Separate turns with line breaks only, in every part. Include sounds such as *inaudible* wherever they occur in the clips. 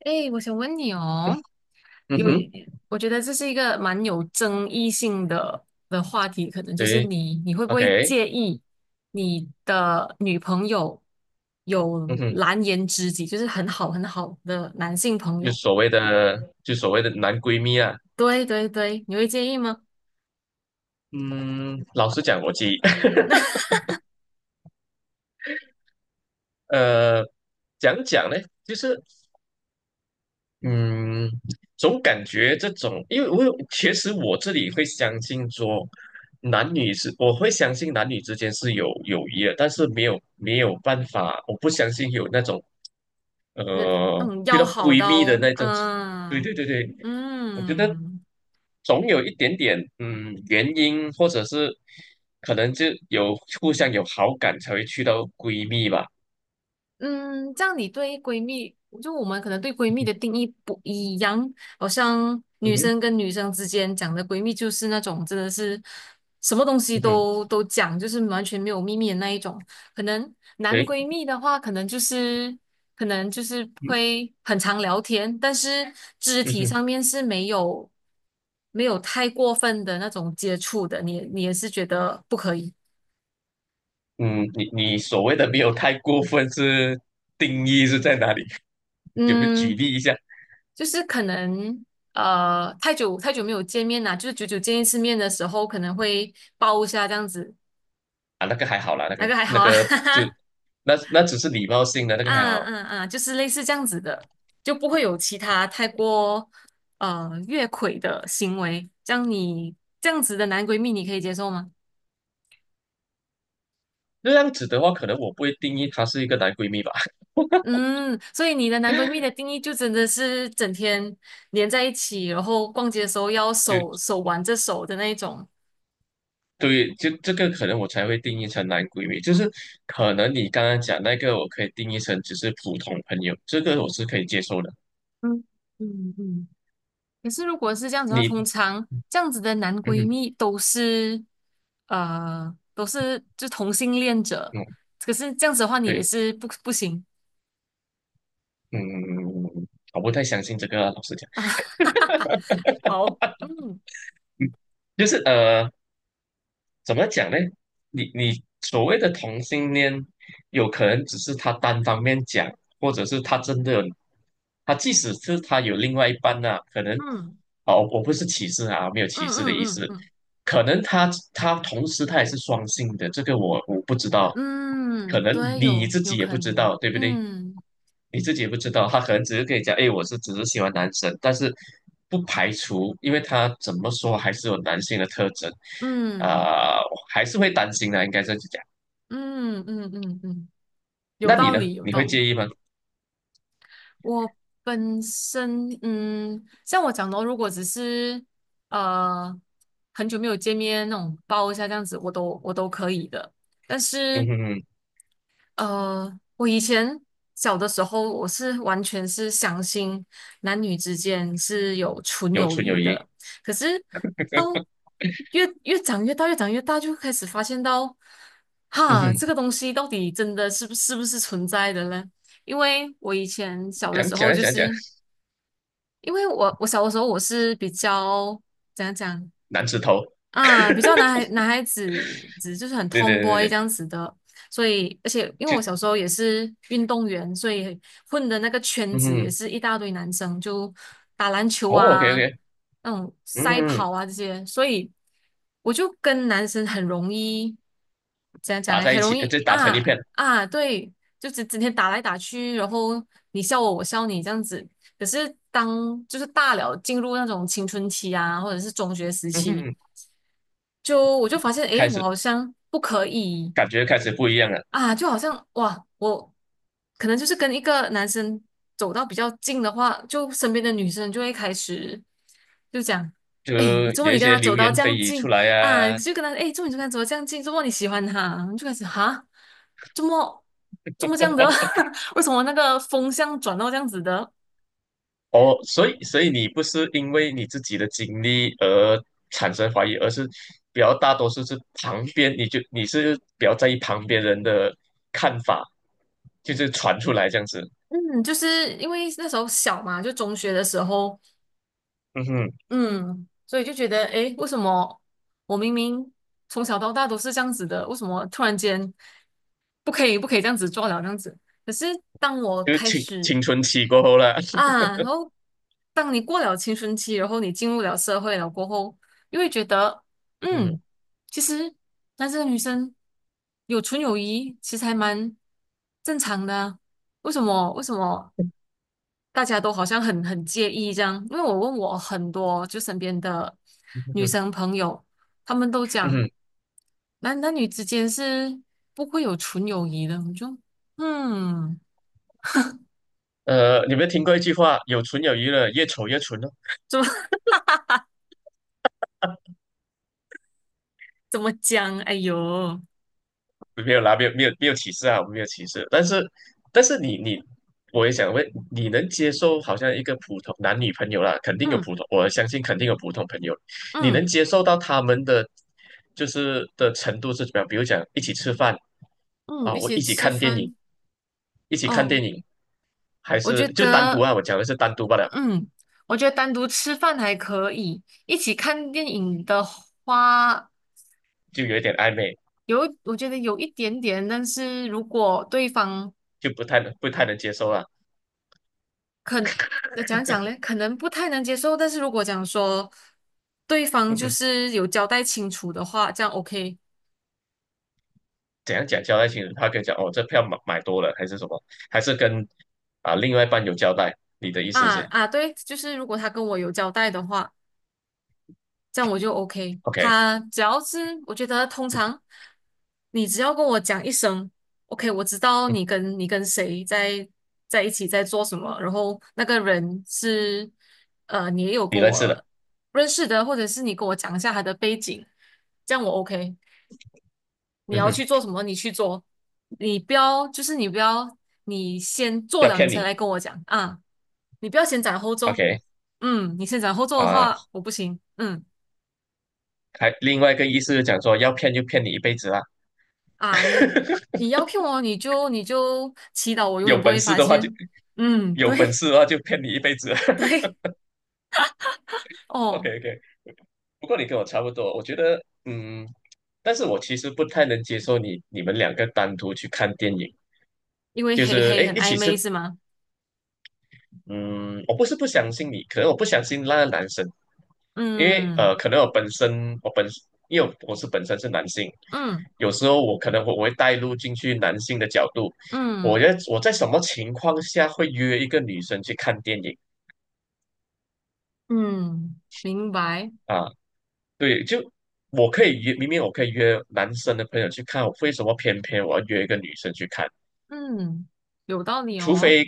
哎，我想问你哦，
嗯哼。
我觉得这是一个蛮有争议性的话题。可能就是
对
你会不会
，OK。
介意你的女朋友有
嗯哼。
蓝颜知己，就是很好很好的男性朋
就
友？
所谓的就所谓的男闺蜜啊。
对对对，你会介意吗？
嗯，老实讲，我自己 *laughs*，呃，讲讲呢，就是嗯，总感觉这种，因为我有，其实我这里会相信说，男女是，我会相信男女之间是有友谊的，但是没有办法，我不相信有那种
就是那种
遇
要
到
好
闺蜜的
到，
那种。对对
嗯
对对。我觉得
嗯。
总有一点点嗯原因，或者是可能就有互相有好感才会去到闺蜜吧。
嗯，这样你对闺蜜，就我们可能对闺蜜的定义不一样。好像
嗯
女
哼。
生跟女生之间讲的闺蜜就是那种真的是什么东西
嗯哼。
都讲，就是完全没有秘密的那一种。可能男
诶。
闺蜜的话，可能就是
嗯。
会很常聊天，但是肢
嗯
体
哼。
上面是没有太过分的那种接触的，你也是觉得不可以。
嗯，你所谓的没有太过分是定义是在哪里？*laughs* 有没有举
嗯，
例一下？
就是可能太久太久没有见面啦，就是久久见一次面的时候，可能会抱一下这样子，
啊？那个还好啦，那
那
个
个还
那
好啊，*laughs*
个
哈
就
哈，
那那只是礼貌性的，那个还
啊
好。
啊啊，就是类似这样子的，就不会有其他太过越轨的行为。这样子的男闺蜜，你可以接受吗？
那样子的话，可能我不会定义她是一个男闺蜜吧，*laughs*
嗯，所以你的男闺蜜的定义就真的是整天黏在一起，然后逛街的时候要
就
手挽着手的那一种。
对，就这个可能我才会定义成男闺蜜，就是可能你刚刚讲那个，我可以定义成只是普通朋友，这个我是可以接受的。
嗯嗯嗯。可是如果是这样子的话，
你，
通常这样子的男
嗯
闺
哼。
蜜都是就同性恋者，
嗯，
可是这样子的话你也
对，
是不行。
嗯，我不太相信这个啊老实讲。
*laughs* 好，嗯
嗯，就是怎么讲呢？你所谓的同性恋，有可能只是他单方面讲，或者是他真的他即使是他有另外一半呢、可能
嗯
哦，我不是歧视啊，没有
嗯
歧视的
嗯
意
嗯
思，
嗯
可能他同时他也是双性的，这个我不知道，可
嗯，
能
对，
你
有
自
有
己也
可
不知
能，
道，对不对？
嗯
你自己也不知道，他可能只是跟你讲，哎，我是只是喜欢男生，但是不排除，因为他怎么说还是有男性的特征，
嗯
啊、我还是会担心的，应该这样子讲。
嗯嗯嗯嗯，有
那你
道
呢？
理有
你会
道
介
理。
意吗？
我本身，嗯，像我讲的哦如果只是呃很久没有见面那种抱一下这样子，我都可以的。但是
嗯哼哼。
呃，我以前小的时候，我是完全是相信男女之间是有纯
有
友
纯有
谊
义。
的。可是到越长越大，越长越大，就开始发现到，
嗯
哈，
哼。
这个东西到底真的是不是存在的呢？因为我以前小的
讲
时候，
讲
就
讲讲。
是因为我小的时候我是比较怎样讲，
男子头。
啊，比较男
*laughs*
孩男孩子子就是很
对对对对
tomboy 这
对。
样子的。所以而且因为
就
我小时候也是运动员，所以混的那个圈
嗯
子也
哼。
是一大堆男生，就打篮球
哦，OK
啊，
OK。
那种赛
嗯，
跑啊这些，所以我就跟男生很容易怎样讲
打
诶，
在
很
一起，
容
呃
易
就打成一
啊
片。
啊，对，就只整天打来打去，然后你笑我，我笑你这样子。可是当就是大了进入那种青春期啊，或者是中学时
嗯
期。
哼。
就我就发现，诶，
开
我
始
好像不可以
感觉开始不一样了。
啊，就好像哇，我可能就是跟一个男生走到比较近的话，就身边的女生就会开始就讲，
就
诶，怎么
有
你
一
跟
些
他走
流
到
言
这
蜚
样
语出
近
来
啊？
啊。
就跟他，诶，怎么你就跟他走到这样近？怎么你喜欢他？就开始哈，怎么怎么这样的？*laughs* 为什么那个风向转到这样子的？
哦，所以所以你不是因为你自己的经历而产生怀疑，而是比较大多数是旁边，你就你是比较在意旁边人的看法，就是传出来这样子。
嗯，就是因为那时候小嘛，就中学的时候。
嗯哼。
嗯，所以就觉得，诶，为什么我明明从小到大都是这样子的，为什么突然间不可以这样子做了这样子？可是当我
就是
开
青
始
青春期过后了。*laughs*
啊，然后当你过了青春期，然后你进入了社会了过后，又会觉得，
嗯
嗯，
哼。
其实男生和女生有纯友谊，其实还蛮正常的啊。为什么？为什么？大家都好像很介意这样。因为我问我很多就身边的
嗯
女
哼。
生朋友，她们都
嗯
讲
哼。
男女之间是不会有纯友谊的，我就嗯，
你有没有听过一句话？有纯有余了，越丑越纯。
怎么 *laughs* 怎么讲？哎呦，
没有啦，没有歧视啊，我们没有歧视。但是但是你你，我也想问，你能接受好像一个普通男女朋友啦，肯定有
嗯
普通，我相信肯定有普通朋友，你
嗯
能接受到他们的就是的程度是怎么样？比如讲一起吃饭
嗯，
啊，
一
我
起
一起
吃
看电影，
饭
一起看
哦，
电影，还
我
是
觉
就单独
得
啊？我讲的是单独罢了，
嗯，我觉得单独吃饭还可以，一起看电影的话。
就有一点暧昧，
有，我觉得有一点点。但是如果对方
就不太能接受了。
可那讲讲嘞，可能不太能接受，但是如果讲说对方就
*laughs*
是有交代清楚的话，这样 OK。
怎样讲交代清楚？他跟你讲哦，这票买多了还是什么？还是跟啊、另外一半有交代？你的意思
啊
是
啊，对，就是如果他跟我有交代的话，这样我就 OK。
OK。
他只要是我觉得通常你只要跟我讲一声 OK，我知道
嗯，
你跟谁在一起在做什么，然后那个人是你也有
你
跟
认识的。
我认识的，或者是你跟我讲一下他的背景，这样我 OK。你
嗯
要
哼。
去做什么，你去做，你不要你先做
要
了你
骗
才
你
来跟我讲啊，你不要先斩后奏，
OK。
嗯，你先斩后奏的
啊、
话我不行。嗯
还另外一个意思是讲说要骗就骗你一辈子啦。
啊你
*laughs*
你要 Q 我你就祈祷我永
有
远不
本
会
事
发
的话就
现，嗯
有本
对
事的话就骗你一辈子。
*laughs* 对
*laughs* OK
哦，
OK。不过你跟我差不多，我觉得嗯，但是我其实不太能接受你们两个单独去看电影。
因为
就
黑
是
黑
哎，
很
一
暧
起吃。
昧是吗？
嗯，我不是不相信你，可能我不相信那个男生。因为
嗯
呃，可能我本身我本因为我本身是男性，
嗯
有时候我可能会带入进去男性的角度，我
嗯
觉得我在什么情况下会约一个女生去看电影
嗯，明白，
啊？对，就我可以约，明明我可以约男生的朋友去看，我为什么偏偏我要约一个女生去看？
嗯有道理哦，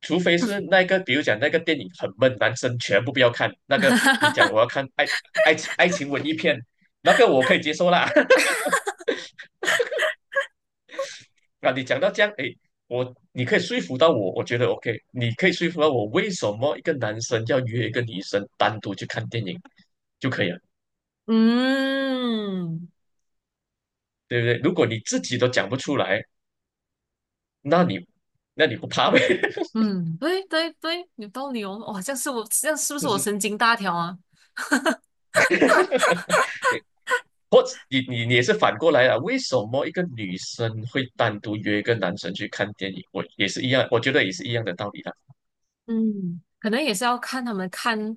除非是那个，比如讲那个电影很闷，男生全部不要看。那个你讲我
*laughs*
要看爱情爱情文艺片，那个我可以接受啦。*laughs* 那你讲到这样，哎，我你可以说服到我，我觉得 OK,你可以说服到我，为什么一个男生要约一个女生单独去看电影就可以了，
嗯。
对不对？如果你自己都讲不出来，那你那你不怕呗？*laughs*
嗯，对对对，有道理哦。哇，这样是不是
就
我
是
神经大条啊？
你或者你也是反过来了，为什么一个女生会单独约一个男生去看电影？我也是一样，我觉得也是一样的道理啦。
嗯可能也是要看他们看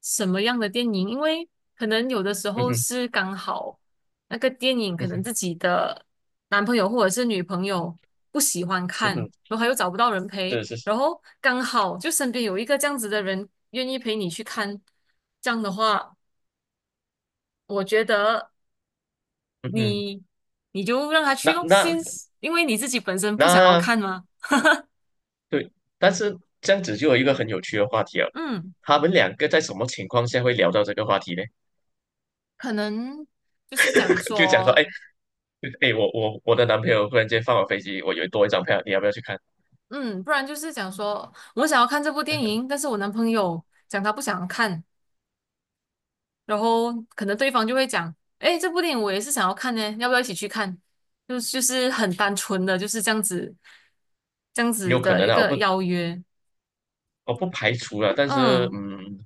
什么样的电影，因为可能有的时
嗯
候
哼。
是刚好那个电影
嗯
可能
哼。
自己的男朋友或者是女朋友不喜欢
嗯
看，
哼。
然后他又找不到人陪，
是是是。
然后刚好就身边有一个这样子的人愿意陪你去看，这样的话，我觉得
嗯哼。
你你就让他去
那
咯，
那
先因为你自己本身不想要
那
看嘛。
对，但是这样子就有一个很有趣的话题了。
嗯，
他们两个在什么情况下会聊到这个话题呢？
可能就是讲
*laughs* 就讲说，
说，
哎，哎，我的男朋友忽然间放我飞机，我有多一张票，你要不要去看？
嗯，不然就是讲说我想要看这部电影，但是我男朋友讲他不想看，然后可能对方就会讲，诶，这部电影我也是想要看呢，要不要一起去看？就是很单纯的就是这样子，这样子
有可
的
能
一
啊，我
个
不
邀约。
我不排除了，但是
嗯，
嗯，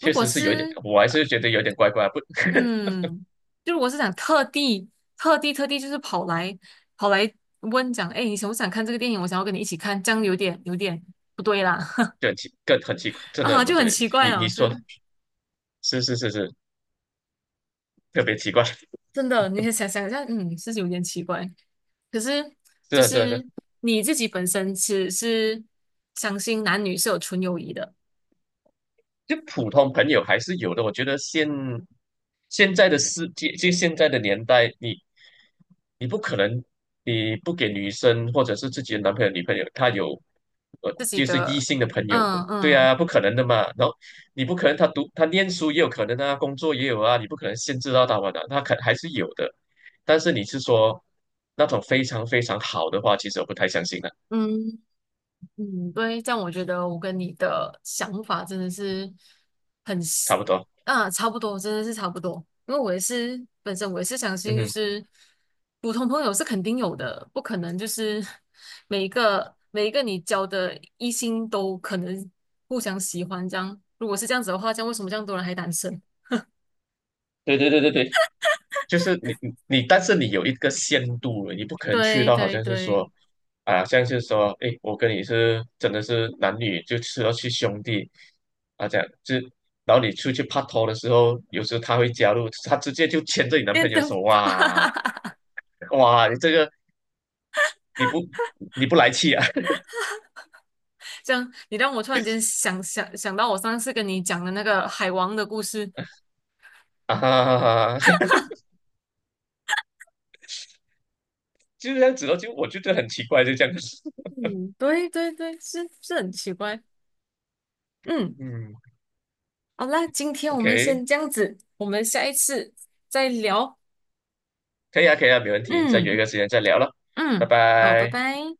如果
实是有一点，
是
我还是觉得有点怪怪，不。*laughs*
嗯，就如果是想特地就是跑来问讲，诶，你想不想看这个电影？我想要跟你一起看，这样有点有点不对啦。
就很奇，更很奇，怪，真的
啊，
很不
就很
对。
奇怪
你
了，
你说是是是是，特别奇怪。*laughs*
真的，你想想一下，嗯，是有点奇怪。可是
是
就
啊是啊是啊。
是你自己本身是相信男女是有纯友谊的，
就普通朋友还是有的。我觉得现在的世界，就现在的年代，你你不可能你不给女生或者是自己的男朋友、女朋友，他有呃
自己
就是异
的，
性的朋友，
嗯
对
嗯
啊，不可能的嘛。然后你不可能他读他念书也有可能啊，工作也有啊，你不可能限制到他们的，他可还是有的。但是你是说那种非常非常好的话，其实我不太相信的，
嗯，嗯，对，这样我觉得我跟你的想法真的是很是，
差不多。
啊，差不多。真的是差不多。因为我也是相
嗯
信，就
哼。
是普通朋友是肯定有的。不可能就是 *laughs* 每一个你交的异性都可能互相喜欢这样。如果是这样子的话，这样为什么这样多人还单身？
对对对对对。就是你你，但是你有一个限度了，你不可能去
对
到好
对
像是
对，
说，啊，像是说，诶，我跟你是真的是男女，就是要去兄弟，啊，这样就，然后你出去拍拖的时候，有时候他会加入，他直接就牵着你男朋
电
友
灯，
手，哇。哇，你这个你不你不来气啊。
*laughs* 这样你让我突然间想到我上次跟你讲的那个海王的故事。
*laughs* 啊，就这样子咯，就我就觉得很奇怪，就这样子。
嗯，对对对，是很奇怪。
*laughs*
嗯，
嗯
好啦，今天我们
，OK,
先这样子，我们下一次再聊。
可以啊，可以啊，没问题，再约一
嗯
个时间再聊了，拜
嗯，好，拜
拜。
拜。